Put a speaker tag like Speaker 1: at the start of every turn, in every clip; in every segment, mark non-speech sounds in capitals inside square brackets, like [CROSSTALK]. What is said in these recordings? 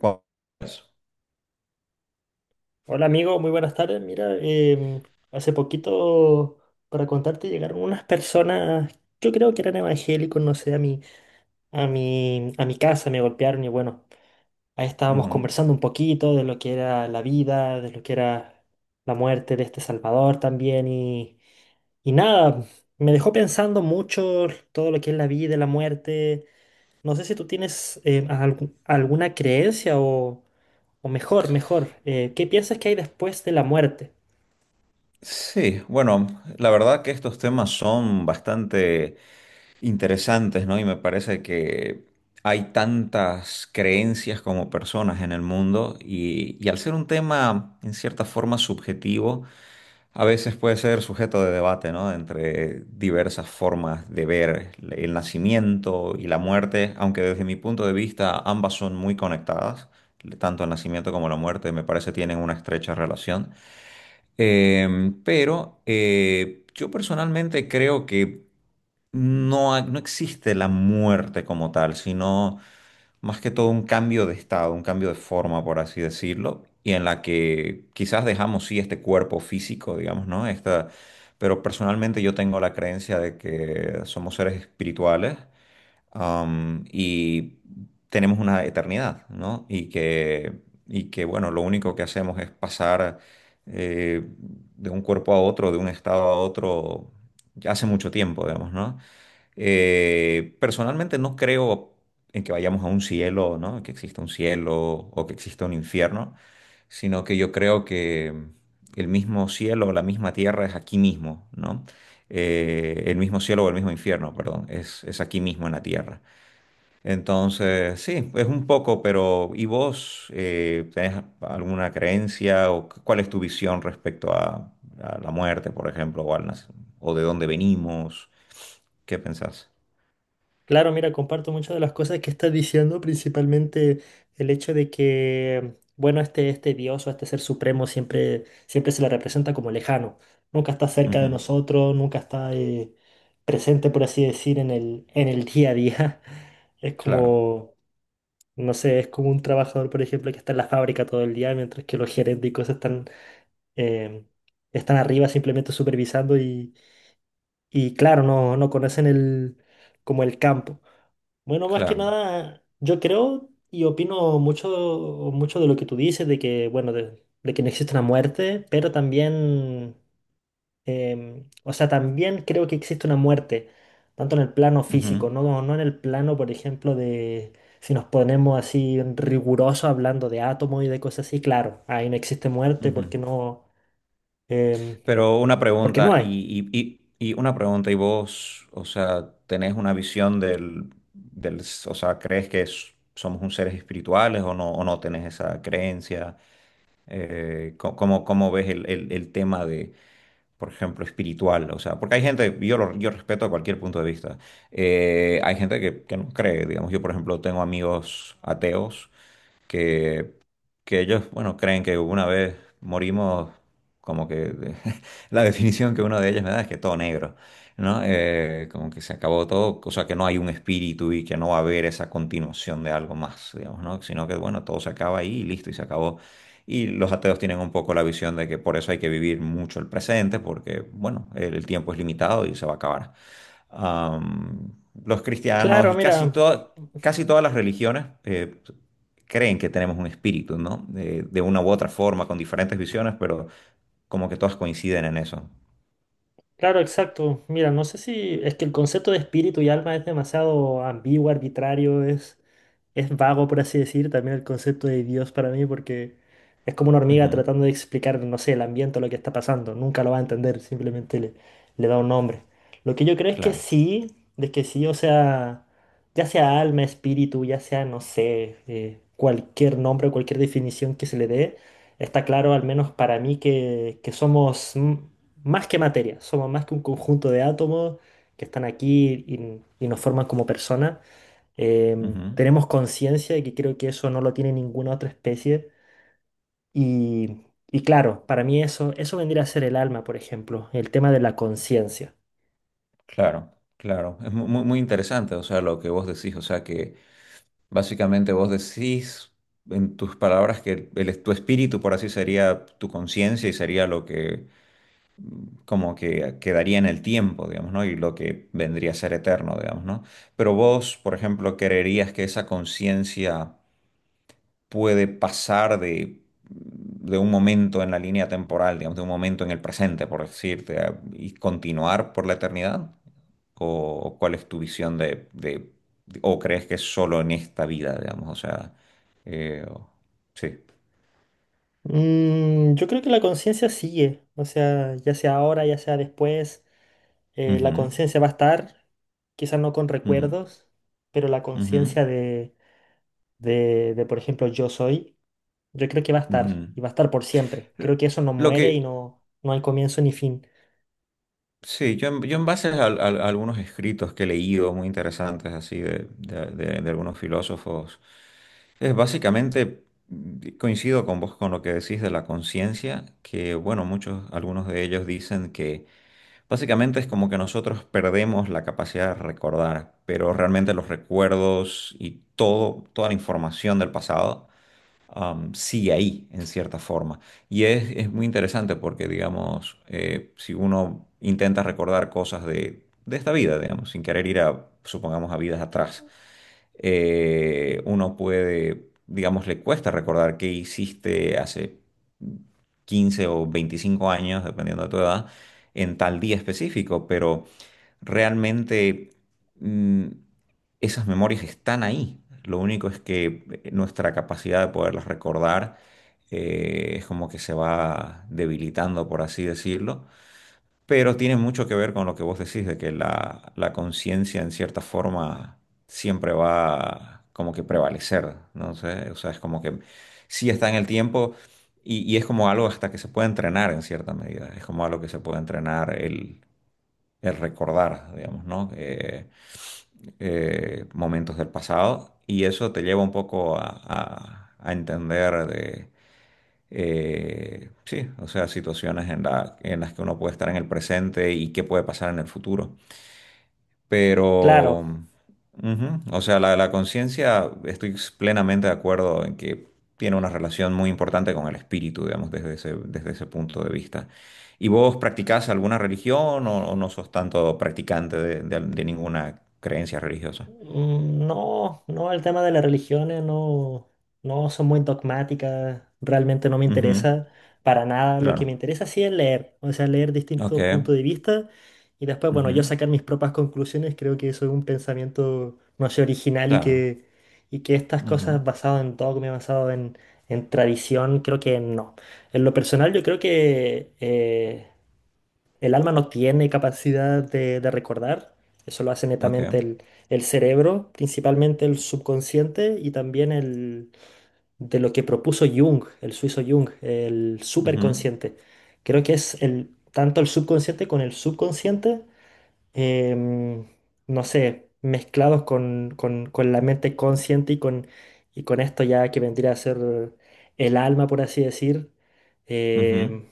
Speaker 1: Cu-
Speaker 2: Hola amigo, muy buenas tardes. Mira, hace poquito, para contarte, llegaron unas personas, yo creo que eran evangélicos, no sé, a mi casa, me golpearon y bueno, ahí estábamos
Speaker 1: Ujú.
Speaker 2: conversando un poquito de lo que era la vida, de lo que era la muerte de este Salvador también y nada, me dejó pensando mucho todo lo que es la vida y la muerte. No sé si tú tienes alguna creencia o mejor, ¿qué piensas que hay después de la muerte?
Speaker 1: Sí, bueno, la verdad que estos temas son bastante interesantes, ¿no? Y me parece que hay tantas creencias como personas en el mundo y al ser un tema en cierta forma subjetivo, a veces puede ser sujeto de debate, ¿no? Entre diversas formas de ver el nacimiento y la muerte, aunque desde mi punto de vista ambas son muy conectadas, tanto el nacimiento como la muerte me parece tienen una estrecha relación. Pero yo personalmente creo que no existe la muerte como tal, sino más que todo un cambio de estado, un cambio de forma, por así decirlo, y en la que quizás dejamos sí este cuerpo físico, digamos, ¿no? Pero personalmente yo tengo la creencia de que somos seres espirituales. Y tenemos una eternidad, ¿no? Y que, bueno, lo único que hacemos es pasar eh, de un cuerpo a otro, de un estado a otro, ya hace mucho tiempo, digamos, ¿no? Personalmente no creo en que vayamos a un cielo, ¿no? Que exista un cielo o que exista un infierno, sino que yo creo que el mismo cielo o la misma tierra es aquí mismo, ¿no? El mismo cielo o el mismo infierno, perdón, es aquí mismo en la tierra. Entonces, sí, es un poco, pero ¿y vos tenés alguna creencia o cuál es tu visión respecto a la muerte, por ejemplo, o de dónde venimos? ¿Qué pensás?
Speaker 2: Claro, mira, comparto muchas de las cosas que estás diciendo, principalmente el hecho de que, bueno, este Dios o este ser supremo siempre, siempre se le representa como lejano. Nunca está cerca de
Speaker 1: Ujú.
Speaker 2: nosotros, nunca está presente, por así decir, en el día a día. [LAUGHS] Es
Speaker 1: Claro,
Speaker 2: como, no sé, es como un trabajador, por ejemplo, que está en la fábrica todo el día, mientras que los gerentes y cosas están, em, están arriba simplemente supervisando y claro, no, no conocen el, como el campo. Bueno, más que
Speaker 1: claro.
Speaker 2: nada, yo creo y opino mucho, mucho de lo que tú dices, de que, bueno, de que no existe una muerte, pero también, o sea, también creo que existe una muerte, tanto en el plano
Speaker 1: Ujú,
Speaker 2: físico, no, no en el plano, por ejemplo, de si nos ponemos así rigurosos hablando de átomos y de cosas así, claro, ahí no existe muerte
Speaker 1: ujú.
Speaker 2: porque no, em,
Speaker 1: Pero una
Speaker 2: porque no
Speaker 1: pregunta,
Speaker 2: hay.
Speaker 1: ¿y vos, o sea, tenés una visión del, o sea, crees que somos un seres espirituales o no tenés esa creencia? ¿Cómo ves el tema de, por ejemplo, espiritual? O sea, porque hay gente, yo respeto cualquier punto de vista. Hay gente que no cree, digamos, yo, por ejemplo, tengo amigos ateos. que que ellos, bueno, creen que una vez morimos, como que [LAUGHS] la definición que uno de ellos me da es que todo negro, ¿no? Como que se acabó todo, o sea, que no hay un espíritu y que no va a haber esa continuación de algo más, digamos, ¿no? Sino que, bueno, todo se acaba ahí y listo, y se acabó. Y los ateos tienen un poco la visión de que por eso hay que vivir mucho el presente, porque, bueno, el tiempo es limitado y se va a acabar. Am, los cristianos
Speaker 2: Claro,
Speaker 1: y casi,
Speaker 2: mira.
Speaker 1: to- casi todas las religiones creen que tenemos un espíritu, ¿no? De una u otra forma, con diferentes visiones, pero como que todas coinciden en eso.
Speaker 2: Claro, exacto. Mira, no sé si es que el concepto de espíritu y alma es demasiado ambiguo, arbitrario, es vago, por así decir. También el concepto de Dios para mí, porque es como una hormiga
Speaker 1: Ujú,
Speaker 2: tratando de explicar, no sé, el ambiente o lo que está pasando. Nunca lo va a entender, simplemente le da un nombre. Lo que yo creo es que
Speaker 1: claro,
Speaker 2: sí, de que sí, o sea, ya sea alma, espíritu, ya sea, no sé, cualquier nombre, cualquier definición que se le dé, está claro, al menos para mí, que somos. Más que materia, somos más que un conjunto de átomos que están aquí y nos forman como personas.
Speaker 1: ujú,
Speaker 2: Tenemos conciencia y que creo que eso no lo tiene ninguna otra especie. Y, y claro, para mí eso, eso vendría a ser el alma, por ejemplo, el tema de la conciencia.
Speaker 1: claro, claro. Es muy, muy interesante, o sea, lo que vos decís, o sea, que básicamente vos decís en tus palabras que tu espíritu, por así sería tu conciencia y sería lo que como que quedaría en el tiempo, digamos, ¿no? Y lo que vendría a ser eterno, digamos, ¿no? Pero vos, por ejemplo, ¿creerías que esa conciencia puede pasar de un momento en la línea temporal, digamos, de un momento en el presente, por decirte, y continuar por la eternidad? ¿O, o cuál es tu visión o crees que es solo en esta vida, digamos, o sea, eh, o- sí.
Speaker 2: Yo creo que la conciencia sigue, o sea, ya sea ahora, ya sea después, la
Speaker 1: Ujú,
Speaker 2: conciencia va a estar, quizás no con
Speaker 1: ujú,
Speaker 2: recuerdos, pero la
Speaker 1: ujú,
Speaker 2: conciencia de, por ejemplo, yo soy. Yo creo que va a estar,
Speaker 1: ujú.
Speaker 2: y va a estar por siempre.
Speaker 1: Lo
Speaker 2: Creo que eso no
Speaker 1: lo
Speaker 2: muere y
Speaker 1: que,
Speaker 2: no, no hay comienzo ni fin.
Speaker 1: Sí, yo en base a algunos escritos que he leído muy interesantes así de algunos filósofos, es básicamente coincido con vos con lo que decís de la conciencia, que bueno, muchos, algunos de ellos dicen que básicamente es como que nosotros perdemos la capacidad de recordar, pero realmente los recuerdos y todo, toda la información del pasado sigue ahí en cierta forma. Y es muy interesante porque, digamos, si uno intenta recordar cosas de esta vida, digamos, sin querer ir a, supongamos, a vidas atrás, uno puede, digamos, le cuesta recordar qué hiciste hace 15 o 25 años, dependiendo de tu edad, en tal día específico, pero realmente... mm, esas memorias están ahí. Lo único es que nuestra capacidad de poderlas recordar es como que se va debilitando, por así decirlo. Pero tiene mucho que ver con lo que vos decís, de que la conciencia en cierta forma siempre va como que prevalecer, ¿no? Sé, o sea, es como que sí está en el tiempo y es como algo hasta que se puede entrenar en cierta medida, es como algo que se puede entrenar el recordar, digamos, ¿no? Momentos del pasado y eso te lleva un poco a entender de, sí, o sea, situaciones en las que uno puede estar en el presente y qué puede pasar en el futuro. Pero,
Speaker 2: Claro,
Speaker 1: ujú, o sea, la conciencia, estoy plenamente de acuerdo en que tiene una relación muy importante con el espíritu, digamos, desde ese punto de vista. ¿Y vos practicás alguna religión o no sos tanto practicante de ninguna creencia religiosa?
Speaker 2: mm, no, no, el tema de las religiones no, no son muy dogmáticas, realmente no me interesa para nada. Lo que me
Speaker 1: Claro.
Speaker 2: interesa sí es leer, o sea, leer
Speaker 1: Ok.
Speaker 2: distintos puntos de vista y después, bueno, yo
Speaker 1: Ujú.
Speaker 2: sacar mis propias conclusiones, creo que eso es un pensamiento, no sé, original
Speaker 1: Claro.
Speaker 2: y que estas
Speaker 1: Ujú.
Speaker 2: cosas basadas en dogma, basado en tradición, creo que no. En lo personal yo creo que el alma no tiene capacidad de recordar, eso lo hace
Speaker 1: Ok.
Speaker 2: netamente el cerebro, principalmente el subconsciente y también el de lo que propuso Jung, el suizo Jung, el
Speaker 1: Ujú.
Speaker 2: superconsciente. Creo que es el, tanto el subconsciente con el subconsciente, em, no sé, mezclados con, con la mente consciente y con esto ya que vendría a ser el alma, por así decir.
Speaker 1: Ujú.
Speaker 2: em,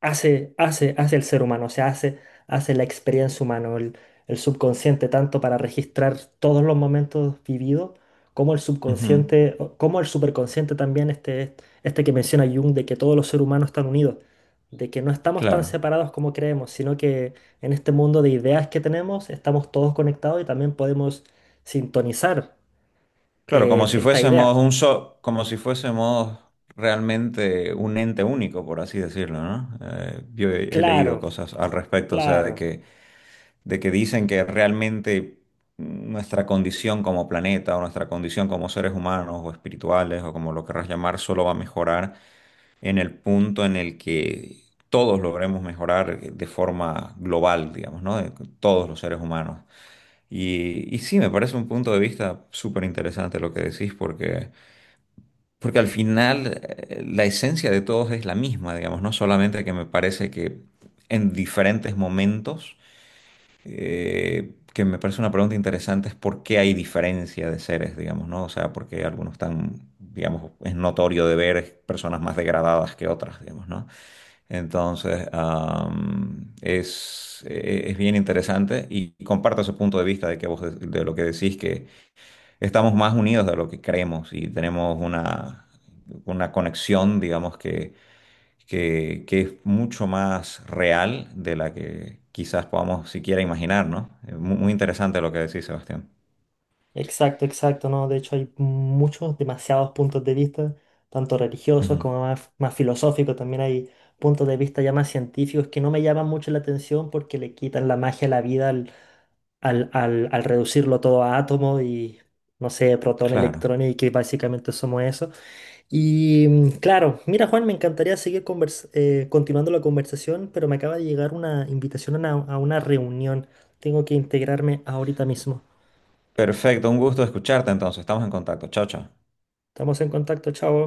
Speaker 2: hace hace el ser humano, o sea, hace la experiencia humana, el subconsciente, tanto para registrar todos los momentos vividos, como el
Speaker 1: Ujú.
Speaker 2: subconsciente, o- como el superconsciente también, este que menciona Jung, de que todos los seres humanos están unidos, de que no estamos tan
Speaker 1: Claro.
Speaker 2: separados como creemos, sino que en este mundo de ideas que tenemos estamos todos conectados y también podemos sintonizar
Speaker 1: Claro,
Speaker 2: estas ideas.
Speaker 1: como si fuésemos realmente un ente único, por así decirlo, ¿no? Yo he leído
Speaker 2: Claro,
Speaker 1: cosas al respecto, o sea,
Speaker 2: claro.
Speaker 1: de que, dicen que realmente nuestra condición como planeta o nuestra condición como seres humanos o espirituales o como lo querrás llamar, solo va a mejorar en el punto en el que todos logremos mejorar de forma global, digamos, ¿no? De todos los seres humanos. Y sí, me parece un punto de vista súper interesante lo que decís, porque al final la esencia de todos es la misma, digamos, no solamente que me parece que en diferentes momentos, que me parece una pregunta interesante es por qué hay diferencia de seres, digamos, ¿no? O sea, porque algunos están, digamos, es notorio de ver personas más degradadas que otras, digamos, ¿no? Entonces, es bien interesante y comparto ese punto de vista de que vos de lo que decís, que estamos más unidos de lo que creemos y tenemos una conexión, digamos, que es mucho más real de la que quizás podamos siquiera imaginar, ¿no? Muy, muy interesante lo que decís, Sebastián.
Speaker 2: Exacto, exacto, ¿no? De hecho hay muchos, demasiados puntos de vista, tanto religiosos
Speaker 1: Ujú.
Speaker 2: como más, más filosóficos, también hay puntos de vista ya más científicos que no me llaman mucho la atención porque le quitan la magia a la vida al reducirlo todo a átomos y, no sé, protón,
Speaker 1: Claro.
Speaker 2: electrón y que básicamente somos eso. Y claro, mira Juan, me encantaría seguir continuando la conversación, pero me acaba de llegar una invitación a una reunión. Tengo que integrarme ahorita mismo.
Speaker 1: Perfecto, un gusto escucharte entonces. Estamos en contacto. Chao, chao.
Speaker 2: Estamos en contacto, chao.